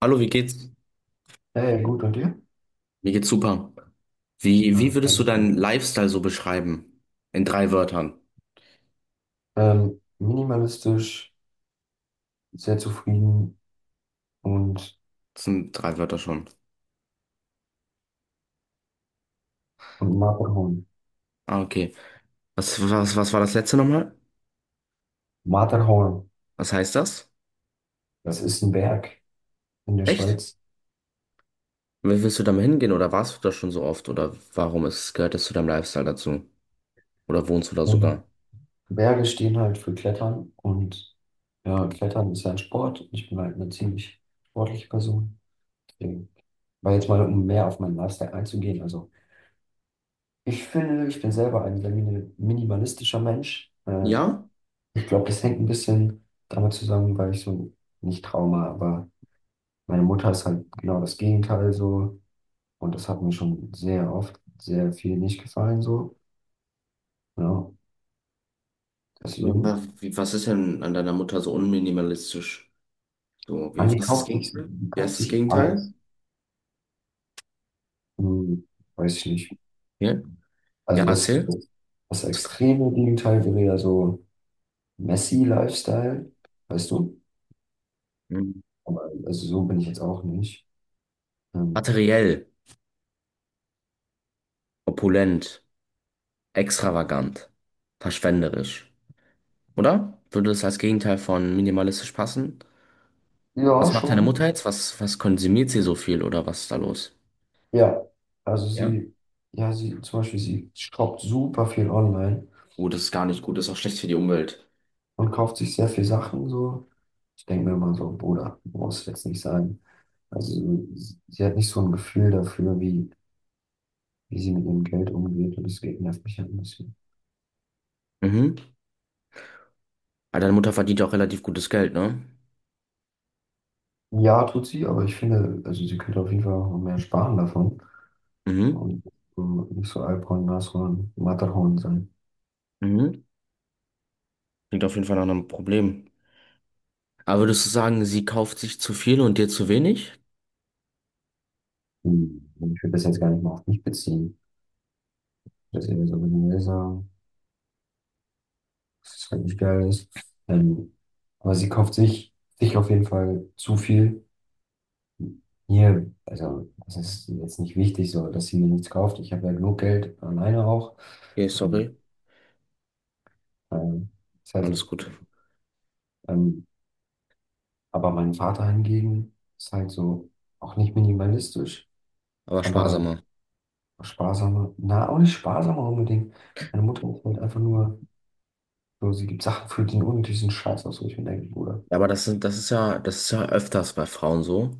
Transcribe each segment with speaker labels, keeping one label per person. Speaker 1: Hallo, wie geht's?
Speaker 2: Hey, gut, und dir?
Speaker 1: Mir geht's super. Wie,
Speaker 2: Ja,
Speaker 1: wie
Speaker 2: das
Speaker 1: würdest
Speaker 2: freut
Speaker 1: du
Speaker 2: mich
Speaker 1: deinen
Speaker 2: doch.
Speaker 1: Lifestyle so beschreiben? In drei Wörtern.
Speaker 2: Minimalistisch, sehr zufrieden und,
Speaker 1: Das sind drei Wörter schon.
Speaker 2: und Matterhorn.
Speaker 1: Ah, okay. Was war das letzte nochmal?
Speaker 2: Matterhorn,
Speaker 1: Was heißt das?
Speaker 2: das ist ein Berg in der
Speaker 1: Echt?
Speaker 2: Schweiz.
Speaker 1: Wie willst du damit hingehen? Oder warst du da schon so oft? Oder gehört das zu deinem Lifestyle dazu? Oder wohnst du da sogar?
Speaker 2: Und Berge stehen halt für Klettern und ja, Klettern ist ja ein Sport. Ich bin halt eine ziemlich sportliche Person. Deswegen war jetzt mal, um mehr auf meinen Lifestyle einzugehen. Also, ich finde, ich bin selber ein sehr minimalistischer Mensch.
Speaker 1: Ja?
Speaker 2: Ich glaube, das hängt ein bisschen damit zusammen, weil ich so nicht Trauma, aber. Meine Mutter ist halt genau das Gegenteil so und das hat mir schon sehr oft sehr viel nicht gefallen so. Ja,
Speaker 1: Wa-
Speaker 2: deswegen,
Speaker 1: wa- wie- Was ist denn an deiner Mutter so unminimalistisch? So,
Speaker 2: man,
Speaker 1: was ist das Gegenteil?
Speaker 2: die
Speaker 1: Wie
Speaker 2: kauft
Speaker 1: heißt das
Speaker 2: sich alles.
Speaker 1: Gegenteil?
Speaker 2: Hm, weiß ich nicht.
Speaker 1: Ja, ja
Speaker 2: Also
Speaker 1: erzähl.
Speaker 2: das
Speaker 1: Was-
Speaker 2: extreme Gegenteil wäre ja so Messi-Lifestyle, weißt du?
Speaker 1: Hm.
Speaker 2: Aber also so bin ich jetzt auch nicht. Ähm,
Speaker 1: Materiell, opulent, extravagant, verschwenderisch, oder? Würde das als Gegenteil von minimalistisch passen?
Speaker 2: ja,
Speaker 1: Was macht deine Mutter
Speaker 2: schon.
Speaker 1: jetzt? Was konsumiert sie so viel oder was ist da los?
Speaker 2: Ja, also
Speaker 1: Ja?
Speaker 2: sie, zum Beispiel, sie shoppt super viel online.
Speaker 1: Oh, das ist gar nicht gut, das ist auch schlecht für die Umwelt.
Speaker 2: Und kauft sich sehr viel Sachen so. Ich denke mir immer so, Bruder, du brauchst jetzt nicht sagen. Also sie hat nicht so ein Gefühl dafür, wie, wie sie mit ihrem Geld umgeht und deswegen nervt mich halt ein bisschen.
Speaker 1: Mhm. Aber deine Mutter verdient ja auch relativ gutes Geld, ne?
Speaker 2: Ja, tut sie, aber ich finde, also sie könnte auf jeden Fall auch noch mehr sparen davon
Speaker 1: Mhm.
Speaker 2: und nicht so Alphorn, Nashorn, Matterhorn sein.
Speaker 1: Mhm. Klingt auf jeden Fall nach einem Problem. Aber würdest du sagen, sie kauft sich zu viel und dir zu wenig?
Speaker 2: Hm, ich will das jetzt gar nicht mal auf mich beziehen. Das ist eher so generell sagen, dass es halt nicht geil ist. Ähm, aber sich auf jeden Fall zu viel. Hier, also es ist jetzt nicht wichtig so, dass sie mir nichts kauft. Ich habe ja genug Geld alleine auch.
Speaker 1: Okay,
Speaker 2: Und,
Speaker 1: sorry.
Speaker 2: ähm, ist halt
Speaker 1: Alles
Speaker 2: so.
Speaker 1: gut.
Speaker 2: Ähm, aber mein Vater hingegen ist halt so auch nicht minimalistisch,
Speaker 1: Aber
Speaker 2: aber
Speaker 1: sparsamer.
Speaker 2: sparsamer. Na, auch nicht sparsamer unbedingt. Meine Mutter ist halt einfach nur so, sie gibt Sachen für den unnötigsten Scheiß aus, wo ich mir denke, Bruder.
Speaker 1: Ja, aber das ist ja öfters bei Frauen so,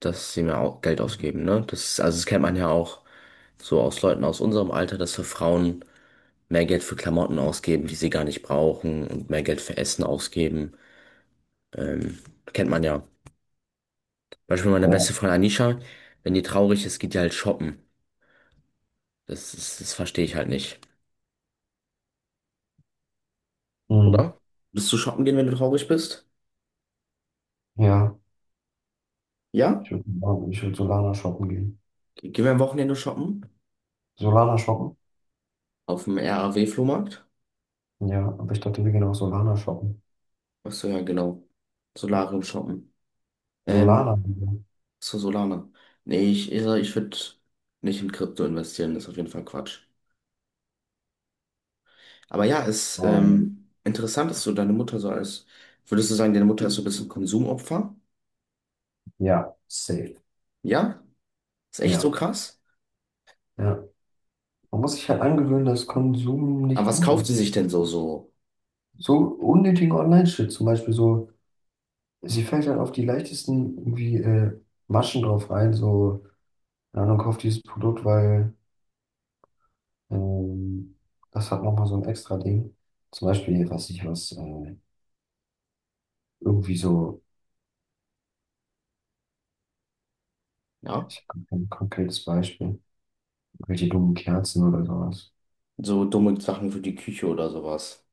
Speaker 1: dass sie mehr Geld ausgeben, ne? Also das kennt man ja auch so aus Leuten aus unserem Alter, dass für Frauen mehr Geld für Klamotten ausgeben, die sie gar nicht brauchen und mehr Geld für Essen ausgeben. Ähm, Kennt man ja. Beispiel meine beste
Speaker 2: Ja,
Speaker 1: Freundin Anisha, wenn die traurig ist, geht die halt shoppen. Das verstehe ich halt nicht.
Speaker 2: mhm,
Speaker 1: Oder? Willst du shoppen gehen, wenn du traurig bist?
Speaker 2: ja. ich
Speaker 1: Ja?
Speaker 2: würde Ich würd Solana shoppen gehen.
Speaker 1: Gehen wir am Wochenende shoppen?
Speaker 2: Solana shoppen?
Speaker 1: Auf dem RAW-Flohmarkt?
Speaker 2: Ja, aber ich dachte, wir gehen auch Solana shoppen.
Speaker 1: Ach so, ja, genau. Solarium shoppen. Ähm,
Speaker 2: Solana.
Speaker 1: Zu Solana. Nee, ich würde nicht in Krypto investieren, das ist auf jeden Fall Quatsch. Aber ja, es ist
Speaker 2: Oh.
Speaker 1: interessant, dass du deine Mutter so als, würdest du sagen, deine Mutter ist so ein bisschen Konsumopfer?
Speaker 2: Ja, safe.
Speaker 1: Ja? Ist echt so
Speaker 2: Ja,
Speaker 1: krass?
Speaker 2: ja. Man muss sich halt angewöhnen, dass Konsum
Speaker 1: Aber
Speaker 2: nicht
Speaker 1: was
Speaker 2: gut
Speaker 1: kauft sie
Speaker 2: ist.
Speaker 1: sich denn so,
Speaker 2: So unnötigen Online-Shit zum Beispiel so, sie fällt halt auf die leichtesten irgendwie Maschen drauf rein, so, keine Ahnung, kauft dieses Produkt, weil ähm, das hat nochmal so ein extra Ding. Zum Beispiel, was ich was, irgendwie so,
Speaker 1: ja?
Speaker 2: ich habe kein konkretes Beispiel, welche dummen Kerzen oder sowas.
Speaker 1: So dumme Sachen für die Küche oder sowas.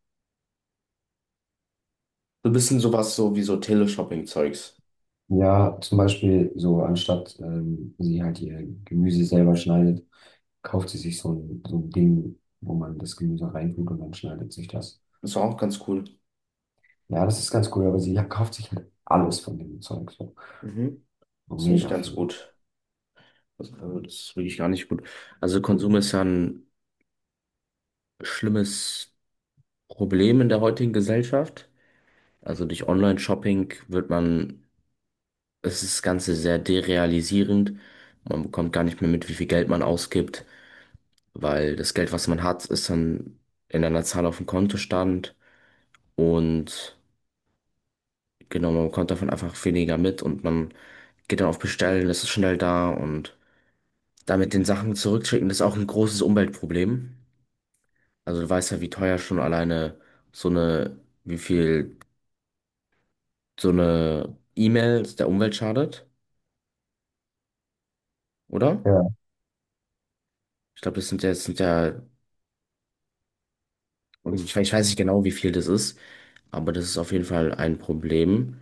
Speaker 1: So ein bisschen sowas so wie so Teleshopping-Zeugs.
Speaker 2: Ja, zum Beispiel so, anstatt sie halt ihr Gemüse selber schneidet, kauft sie sich so ein Ding, wo man das Gemüse reintut und dann schneidet sich das.
Speaker 1: Ist auch ganz cool.
Speaker 2: Ja, das ist ganz cool, aber sie kauft sich halt alles von dem Zeug. So.
Speaker 1: Mhm.
Speaker 2: So
Speaker 1: Ist nicht
Speaker 2: Mega
Speaker 1: ganz
Speaker 2: viel.
Speaker 1: gut. Also, das ist wirklich gar nicht gut. Also Konsum ist ja ein schlimmes Problem in der heutigen Gesellschaft. Also durch Online-Shopping wird man, es ist das Ganze sehr derealisierend. Man bekommt gar nicht mehr mit, wie viel Geld man ausgibt, weil das Geld, was man hat, ist dann in einer Zahl auf dem Kontostand, und genau, man bekommt davon einfach weniger mit und man geht dann auf Bestellen, das ist schnell da und damit den Sachen zurückschicken, das ist auch ein großes Umweltproblem. Also du weißt ja, wie teuer schon alleine so eine, wie viel so eine E-Mail der Umwelt schadet, oder?
Speaker 2: Ja,
Speaker 1: Ich glaube, das sind ja. Und ich weiß nicht genau, wie viel das ist, aber das ist auf jeden Fall ein Problem.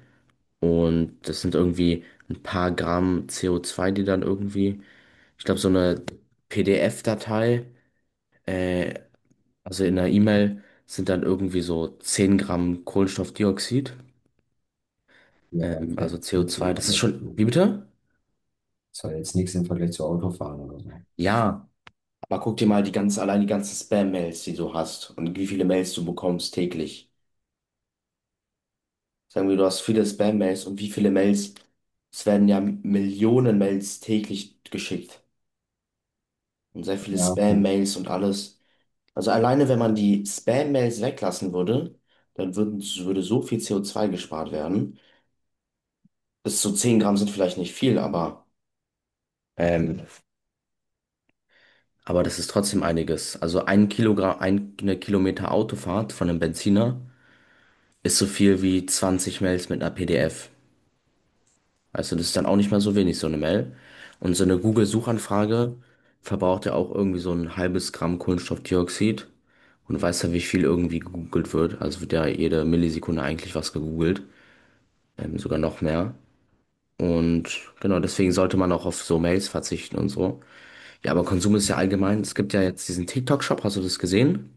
Speaker 1: Und das sind irgendwie ein paar Gramm CO2, die dann irgendwie, ich glaube, so eine PDF-Datei, äh, also in einer E-Mail, sind dann irgendwie so 10 Gramm Kohlenstoffdioxid,
Speaker 2: ja, aber das ist ja
Speaker 1: also
Speaker 2: jetzt nichts
Speaker 1: CO2.
Speaker 2: im
Speaker 1: Das ist
Speaker 2: Vergleich
Speaker 1: schon,
Speaker 2: zu,
Speaker 1: wie bitte?
Speaker 2: das war jetzt nichts im Vergleich zu Autofahren oder so.
Speaker 1: Ja, aber guck dir mal allein die ganzen Spam-Mails, die du hast und wie viele Mails du bekommst täglich. Sagen wir, du hast viele Spam-Mails und wie viele Mails? Es werden ja Millionen Mails täglich geschickt und sehr viele
Speaker 2: Ja, okay.
Speaker 1: Spam-Mails und alles. Also alleine, wenn man die Spam-Mails weglassen würde, würde so viel CO2 gespart werden. Bis zu 10 Gramm sind vielleicht nicht viel, ähm, aber das ist trotzdem einiges. Also ein Kilogramm, eine Kilometer Autofahrt von einem Benziner ist so viel wie 20 Mails mit einer PDF. Weißt du, das ist dann auch nicht mehr so wenig, so eine Mail. Und so eine Google-Suchanfrage verbraucht ja auch irgendwie so ein halbes Gramm Kohlenstoffdioxid. Und du weißt ja, wie viel irgendwie gegoogelt wird. Also wird ja jede Millisekunde eigentlich was gegoogelt. Sogar noch mehr. Und genau, deswegen sollte man auch auf so Mails verzichten und so. Ja, aber Konsum ist ja allgemein. Es gibt ja jetzt diesen TikTok-Shop, hast du das gesehen?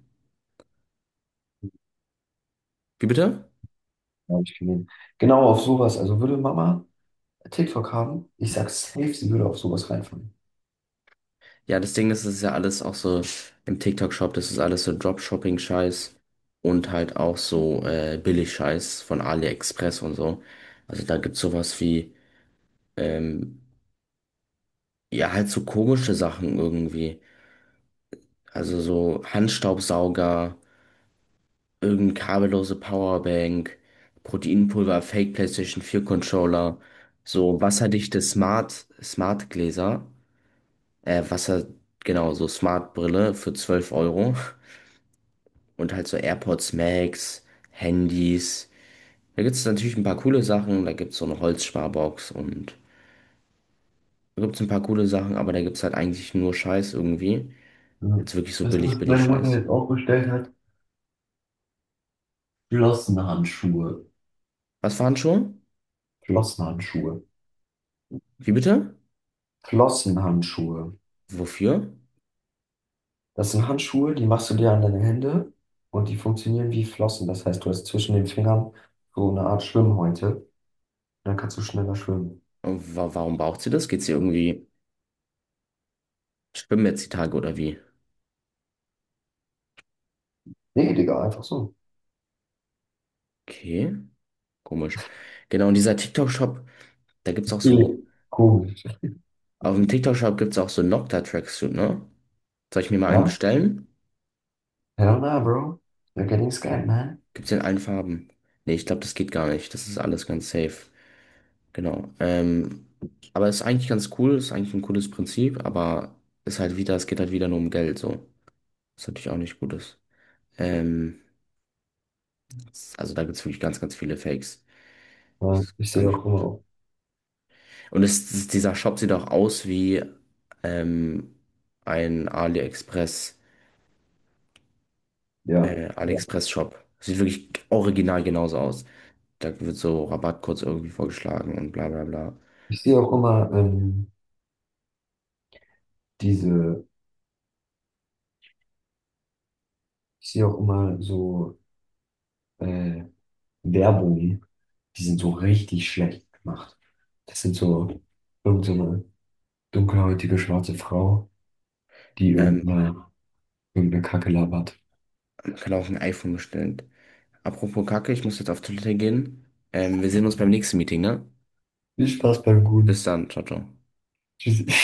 Speaker 1: Wie bitte?
Speaker 2: Hab ich gesehen. Genau auf sowas. Also würde Mama TikTok haben, ich sag safe, sie würde auf sowas reinfallen.
Speaker 1: Ja, das Ding ist, es ist ja alles auch so im TikTok-Shop, das ist alles so Dropshipping-Scheiß und halt auch so Billig-Scheiß von AliExpress und so. Also da gibt's sowas wie, ähm, ja, halt so komische Sachen irgendwie. Also so Handstaubsauger, irgendeine kabellose Powerbank, Proteinpulver, Fake PlayStation 4 Controller, so wasserdichte Smart Gläser, äh, Wasser, genau, so Smart Brille für 12 Euro. Und halt so AirPods Max, Handys. Da gibt es natürlich ein paar coole Sachen. Da gibt es so eine Holzsparbox und da gibt es ein paar coole Sachen, aber da gibt es halt eigentlich nur Scheiß irgendwie.
Speaker 2: Ja.
Speaker 1: Also wirklich so
Speaker 2: Das,
Speaker 1: billig,
Speaker 2: was
Speaker 1: billig
Speaker 2: meine Mutter
Speaker 1: Scheiß.
Speaker 2: jetzt auch bestellt hat, Flossenhandschuhe.
Speaker 1: Was waren schon?
Speaker 2: Flossenhandschuhe.
Speaker 1: Wie bitte?
Speaker 2: Flossenhandschuhe.
Speaker 1: Wofür?
Speaker 2: Das sind Handschuhe, die machst du dir an deine Hände und die funktionieren wie Flossen. Das heißt, du hast zwischen den Fingern so eine Art Schwimmhäute. Und dann kannst du schneller schwimmen.
Speaker 1: Und wa warum braucht sie das? Geht sie irgendwie schwimmen jetzt die Tage oder wie?
Speaker 2: Nee, Digga, einfach so.
Speaker 1: Okay, komisch. Genau, und dieser TikTok-Shop, da gibt es auch so,
Speaker 2: Viel komisch.
Speaker 1: auf dem TikTok-Shop gibt es auch so Nocta-Tracksuit, ne? Soll ich mir mal einen
Speaker 2: Ja?
Speaker 1: bestellen?
Speaker 2: Hell nah, bro. You're getting scared, man.
Speaker 1: Gibt's in allen Farben? Nee, ich glaube, das geht gar nicht. Das ist alles ganz safe. Genau. Aber ist eigentlich ganz cool, ist eigentlich ein cooles Prinzip, aber ist halt wieder, es geht halt wieder nur um Geld, so. Was natürlich auch nicht gut ist. Ähm, also da gibt's wirklich ganz, ganz viele Fakes. Das
Speaker 2: Ja, ich
Speaker 1: ist gar
Speaker 2: sehe
Speaker 1: nicht
Speaker 2: auch immer
Speaker 1: gut.
Speaker 2: auf.
Speaker 1: Und dieser Shop sieht auch aus wie ähm, ein AliExpress,
Speaker 2: Ja, ja.
Speaker 1: AliExpress-Shop. Sieht wirklich original genauso aus. Da wird so Rabattcodes irgendwie vorgeschlagen und bla bla bla.
Speaker 2: Ich sehe auch immer diese, ich sehe auch immer so äh, Werbungen, die sind so richtig schlecht gemacht. Das sind so irgendeine so eine dunkelhäutige schwarze Frau, die
Speaker 1: Ähm,
Speaker 2: irgendeine irgendeine Kacke labert.
Speaker 1: Kann auch ein iPhone bestellen. Apropos Kacke, ich muss jetzt auf Toilette gehen. Wir sehen uns beim nächsten Meeting, ne?
Speaker 2: Viel Spaß beim
Speaker 1: Bis
Speaker 2: Guten.
Speaker 1: dann, ciao, ciao.
Speaker 2: Tschüssi.